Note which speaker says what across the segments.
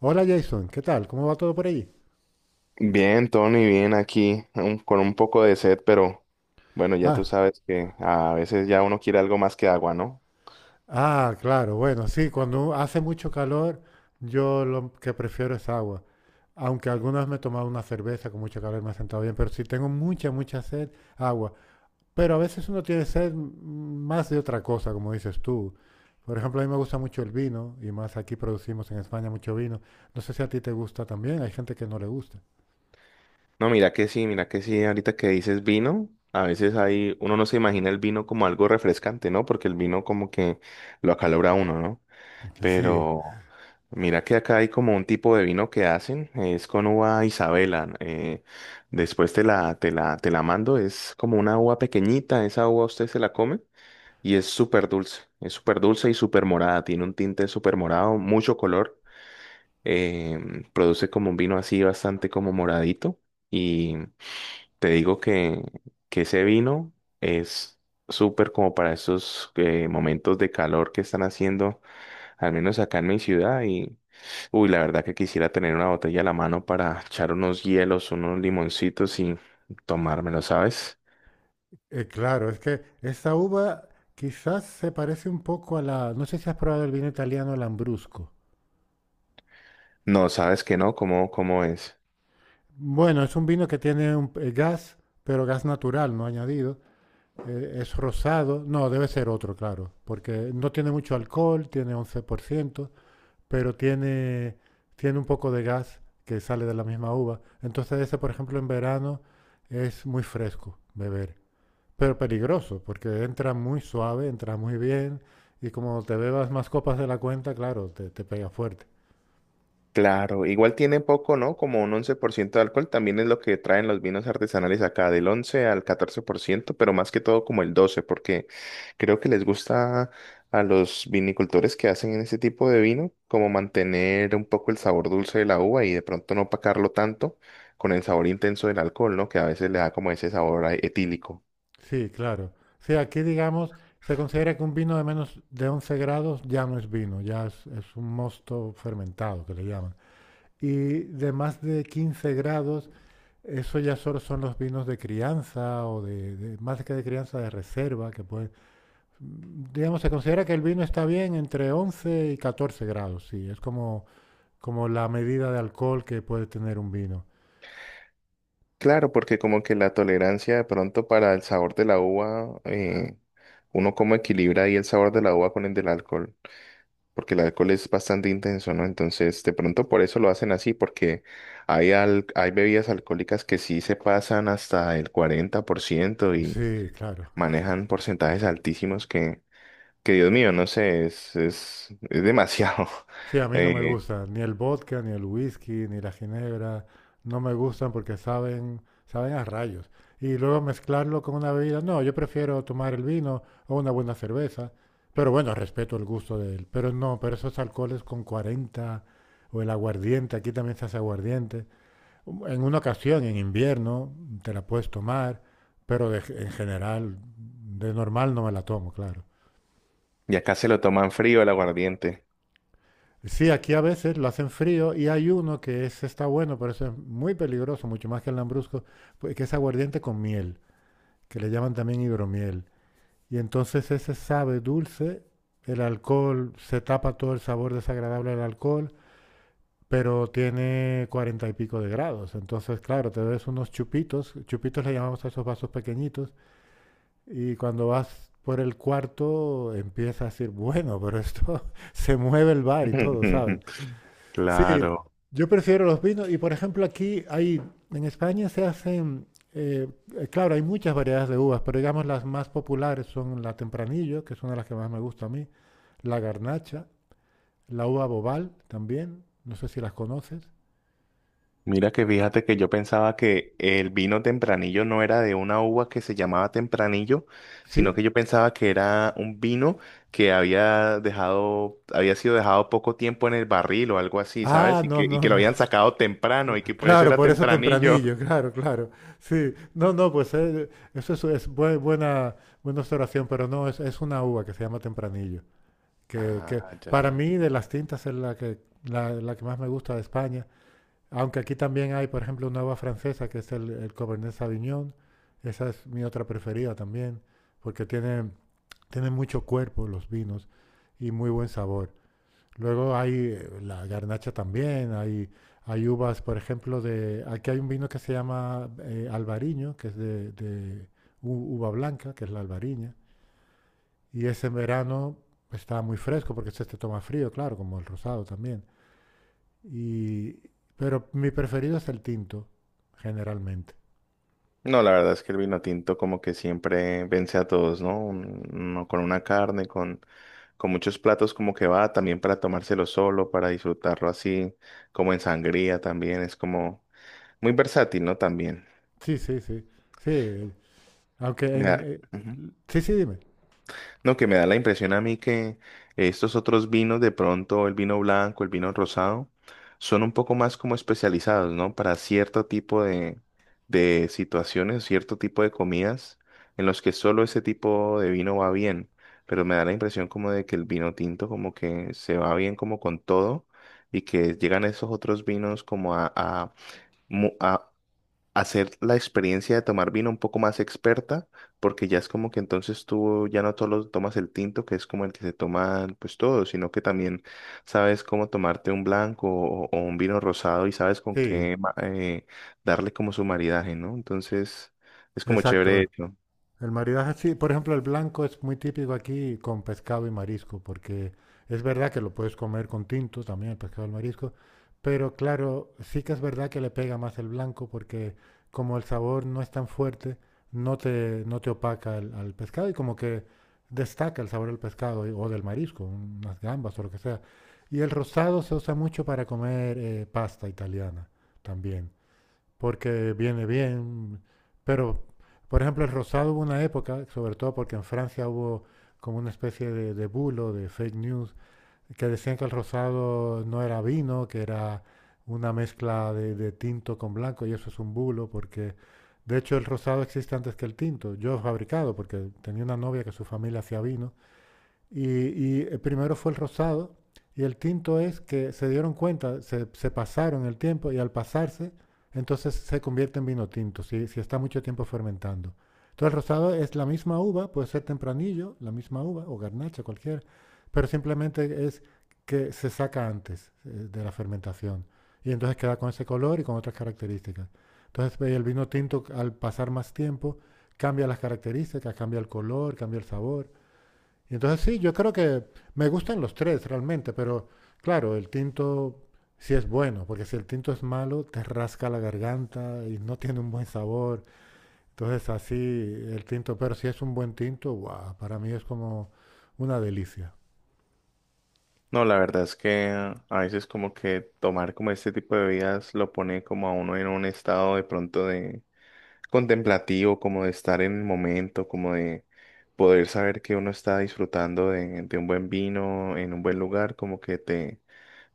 Speaker 1: Hola Jason, ¿qué tal? ¿Cómo va todo por allí?
Speaker 2: Bien, Tony, bien aquí, con un poco de sed, pero bueno, ya tú
Speaker 1: Ah,
Speaker 2: sabes que a veces ya uno quiere algo más que agua, ¿no?
Speaker 1: ah, claro, bueno, sí, cuando hace mucho calor, yo lo que prefiero es agua. Aunque algunas me he tomado una cerveza con mucho calor, me ha sentado bien, pero si tengo mucha, mucha sed, agua. Pero a veces uno tiene sed, más de otra cosa, como dices tú. Por ejemplo, a mí me gusta mucho el vino, y más aquí producimos en España mucho vino. No sé si a ti te gusta también, hay gente que no le gusta.
Speaker 2: No, mira que sí, ahorita que dices vino, a veces hay, uno no se imagina el vino como algo refrescante, ¿no? Porque el vino como que lo acalora a uno, ¿no?
Speaker 1: Sí.
Speaker 2: Pero mira que acá hay como un tipo de vino que hacen, es con uva Isabela, después te la mando, es como una uva pequeñita, esa uva usted se la come. Y es súper dulce y súper morada, tiene un tinte súper morado, mucho color, produce como un vino así bastante como moradito y te digo que ese vino es súper como para esos momentos de calor que están haciendo, al menos acá en mi ciudad y uy, la verdad que quisiera tener una botella a la mano para echar unos hielos, unos limoncitos y tomármelo, ¿sabes?
Speaker 1: Claro, es que esa uva quizás se parece un poco a la... No sé si has probado el vino italiano, el Ambrusco.
Speaker 2: No, sabes que no, ¿ cómo es?
Speaker 1: Bueno, es un vino que tiene un gas, pero gas natural, no añadido. Es rosado. No, debe ser otro, claro, porque no tiene mucho alcohol, tiene 11%, pero tiene, tiene un poco de gas que sale de la misma uva. Entonces ese, por ejemplo, en verano es muy fresco beber. Pero peligroso, porque entra muy suave, entra muy bien y como te bebas más copas de la cuenta, claro, te pega fuerte.
Speaker 2: Claro, igual tiene poco, ¿no? Como un 11% de alcohol, también es lo que traen los vinos artesanales acá, del 11 al 14%, pero más que todo como el 12, porque creo que les gusta a los vinicultores que hacen ese tipo de vino, como mantener un poco el sabor dulce de la uva y de pronto no opacarlo tanto con el sabor intenso del alcohol, ¿no? Que a veces le da como ese sabor etílico.
Speaker 1: Sí, claro. Sí, aquí digamos, se considera que un vino de menos de 11 grados ya no es vino, ya es un mosto fermentado que le llaman. Y de más de 15 grados, eso ya solo son los vinos de crianza o más que de crianza de reserva, que puede, digamos, se considera que el vino está bien entre 11 y 14 grados, sí, es como como la medida de alcohol que puede tener un vino.
Speaker 2: Claro, porque como que la tolerancia de pronto para el sabor de la uva, uno como equilibra ahí el sabor de la uva con el del alcohol. Porque el alcohol es bastante intenso, ¿no? Entonces, de pronto por eso lo hacen así, porque hay bebidas alcohólicas que sí se pasan hasta el 40% y
Speaker 1: Sí, claro.
Speaker 2: manejan porcentajes altísimos que Dios mío, no sé, es demasiado.
Speaker 1: Sí, a mí no me
Speaker 2: Eh,
Speaker 1: gusta ni el vodka, ni el whisky, ni la ginebra. No me gustan porque saben a rayos. Y luego mezclarlo con una bebida. No, yo prefiero tomar el vino o una buena cerveza. Pero bueno, respeto el gusto de él. Pero no, pero esos alcoholes con 40 o el aguardiente, aquí también se hace aguardiente. En una ocasión, en invierno, te la puedes tomar, pero en general, de normal no me la tomo, claro.
Speaker 2: y acá se lo toman frío el aguardiente.
Speaker 1: Sí, aquí a veces lo hacen frío y hay uno que está bueno, pero eso es muy peligroso, mucho más que el lambrusco, pues, que es aguardiente con miel, que le llaman también hidromiel. Y entonces ese sabe dulce, el alcohol, se tapa todo el sabor desagradable del alcohol, pero tiene 40 y pico de grados. Entonces, claro, te ves unos chupitos, chupitos le llamamos a esos vasos pequeñitos, y cuando vas por el cuarto empiezas a decir, bueno, pero esto se mueve el bar y todo, ¿sabes? Sí,
Speaker 2: Claro.
Speaker 1: yo prefiero los vinos y por ejemplo aquí hay, en España se hacen, eh, claro, hay muchas variedades de uvas, pero digamos las más populares son la Tempranillo, que es una de las que más me gusta a mí, la Garnacha, la uva Bobal también, no sé si las conoces.
Speaker 2: Mira que fíjate que yo pensaba que el vino tempranillo no era de una uva que se llamaba tempranillo, sino
Speaker 1: Sí.
Speaker 2: que yo pensaba que era un vino que había dejado, había sido dejado poco tiempo en el barril o algo así,
Speaker 1: Ah,
Speaker 2: ¿sabes?
Speaker 1: no,
Speaker 2: Y
Speaker 1: no,
Speaker 2: que lo
Speaker 1: no.
Speaker 2: habían sacado temprano y que por eso
Speaker 1: Claro,
Speaker 2: era
Speaker 1: por eso
Speaker 2: tempranillo.
Speaker 1: Tempranillo, claro, claro. Sí, no, no, pues eso es buena, buena observación, pero no, es una uva que se llama Tempranillo. Que
Speaker 2: Ah, ya,
Speaker 1: para
Speaker 2: ya.
Speaker 1: mí de las tintas es la que, la que más me gusta de España, aunque aquí también hay, por ejemplo, una uva francesa que es el Cabernet Sauvignon, esa es mi otra preferida también, porque tiene, tiene mucho cuerpo los vinos y muy buen sabor. Luego hay la garnacha también, hay uvas, por ejemplo, de... Aquí hay un vino que se llama Albariño, que es de uva blanca, que es la albariña. Y ese verano estaba muy fresco porque este toma frío, claro, como el rosado también. Y, pero mi preferido es el tinto, generalmente.
Speaker 2: No, la verdad es que el vino tinto como que siempre vence a todos, ¿no? Uno con una carne, con muchos platos como que va, también para tomárselo solo, para disfrutarlo así, como en sangría también, es como muy versátil, ¿no? También.
Speaker 1: Sí, sí, sí. Sí, aunque en...
Speaker 2: Ya. Ujú.
Speaker 1: sí, sí, dime.
Speaker 2: No, que me da la impresión a mí que estos otros vinos, de pronto el vino blanco, el vino rosado, son un poco más como especializados, ¿no? Para cierto tipo de situaciones, cierto tipo de comidas en los que solo ese tipo de vino va bien. Pero me da la impresión como de que el vino tinto como que se va bien como con todo y que llegan esos otros vinos como a hacer la experiencia de tomar vino un poco más experta, porque ya es como que entonces tú ya no solo tomas el tinto, que es como el que se toma pues todo, sino que también sabes cómo tomarte un blanco o un vino rosado y sabes con
Speaker 1: Sí,
Speaker 2: qué darle como su maridaje, ¿no? Entonces es como chévere
Speaker 1: exacto.
Speaker 2: eso.
Speaker 1: El maridaje, sí, por ejemplo, el blanco es muy típico aquí con pescado y marisco, porque es verdad que lo puedes comer con tinto también, el pescado y el marisco, pero claro, sí que es verdad que le pega más el blanco, porque como el sabor no es tan fuerte, no te opaca al pescado y como que destaca el sabor del pescado y- o del marisco, unas gambas o lo que sea. Y el rosado se usa mucho para comer pasta italiana también porque viene bien. Pero, por ejemplo, el rosado hubo una época, sobre todo porque en Francia hubo como una especie de bulo, de fake news, que decían que el rosado no era vino, que era una mezcla de tinto con blanco, y eso es un bulo, porque de hecho el rosado existe antes que el tinto. Yo he fabricado, porque tenía una novia que su familia hacía vino, y el primero fue el rosado. Y el quinto es que se dieron cuenta, se pasaron el tiempo y al pasarse, entonces se convierte en vino tinto, si, si está mucho tiempo fermentando. Entonces el rosado es la misma uva, puede ser tempranillo, la misma uva o garnacha, cualquier, pero simplemente es que se saca antes de la fermentación y entonces queda con ese color y con otras características. Entonces el vino tinto al pasar más tiempo cambia las características, cambia el color, cambia el sabor y entonces sí, yo creo que me gustan los tres realmente, pero claro, el tinto sí es bueno, porque si el tinto es malo, te rasca la garganta y no tiene un buen sabor. Entonces así el tinto, pero si es un buen tinto, guau, para mí es como una delicia.
Speaker 2: No, la verdad es que a veces como que tomar como este tipo de bebidas lo pone como a uno en un estado de pronto de contemplativo, como de estar en el momento, como de poder saber que uno está disfrutando de un buen vino en un buen lugar, como que te,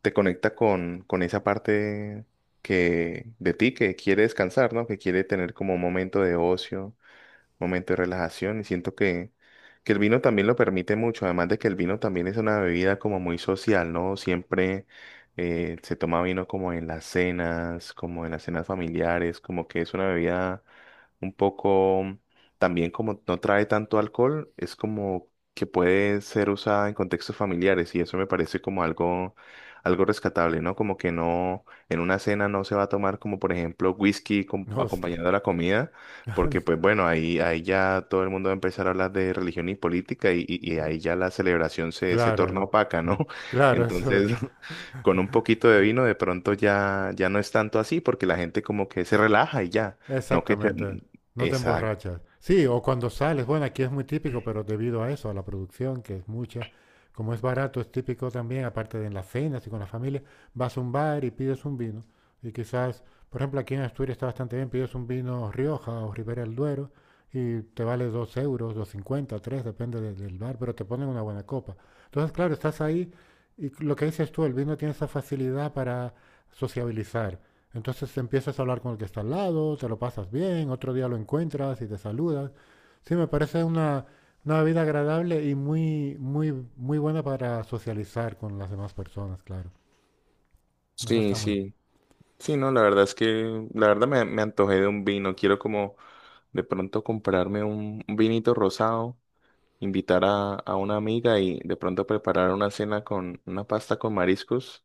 Speaker 2: te conecta con esa parte de ti que quiere descansar, ¿no? Que quiere tener como un momento de ocio momento de relajación y siento que el vino también lo permite mucho, además de que el vino también es una bebida como muy social, ¿no? Siempre se toma vino como en las cenas, como en las cenas familiares, como que es una bebida un poco, también como no trae tanto alcohol, es como que puede ser usada en contextos familiares y eso me parece como algo, algo rescatable, ¿no? Como que no, en una cena no se va a tomar como por ejemplo
Speaker 1: Hostia.
Speaker 2: acompañado de la comida porque pues bueno, ahí ya todo el mundo va a empezar a hablar de religión y política y ahí ya la celebración se torna
Speaker 1: Claro,
Speaker 2: opaca, ¿no?
Speaker 1: claro, eso.
Speaker 2: Entonces, con un poquito de vino de pronto ya, ya no es tanto así porque la gente como que se relaja y ya, no que se...
Speaker 1: Exactamente, no te
Speaker 2: Exacto.
Speaker 1: emborrachas. Sí, o cuando sales, bueno, aquí es muy típico, pero debido a eso, a la producción, que es mucha, como es barato, es típico también, aparte de en las cenas y con la familia, vas a un bar y pides un vino. Y quizás, por ejemplo, aquí en Asturias está bastante bien, pides un vino Rioja o Ribera del Duero y te vale 2 euros, 2,50, tres, depende del bar, pero te ponen una buena copa. Entonces, claro, estás ahí y lo que dices tú, el vino tiene esa facilidad para sociabilizar. Entonces te empiezas a hablar con el que está al lado, te lo pasas bien, otro día lo encuentras y te saludas. Sí, me parece una bebida agradable y muy, muy, muy buena para socializar con las demás personas, claro. Eso
Speaker 2: Sí,
Speaker 1: está muy...
Speaker 2: sí. Sí, no, la verdad es que, la verdad me antojé de un vino. Quiero como de pronto comprarme un vinito rosado invitar a una amiga y de pronto preparar una cena con una pasta con mariscos.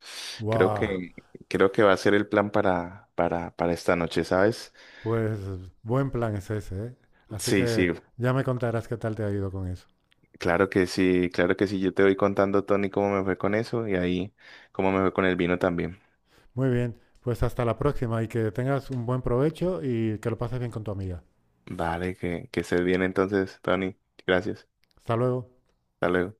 Speaker 2: Creo
Speaker 1: ¡Guau!
Speaker 2: que, creo que va a ser el plan para esta noche, ¿sabes?
Speaker 1: Pues buen plan es ese, ¿eh? Así
Speaker 2: Sí,
Speaker 1: que
Speaker 2: sí,
Speaker 1: ya me contarás qué tal te ha ido con eso.
Speaker 2: claro que sí, claro que sí. Yo te voy contando, Tony, cómo me fue con eso y ahí cómo me fue con el vino también.
Speaker 1: Muy bien, pues hasta la próxima y que tengas un buen provecho y que lo pases bien con tu amiga.
Speaker 2: Vale, que estés bien entonces, Tony. Gracias.
Speaker 1: Hasta luego.
Speaker 2: Hasta luego.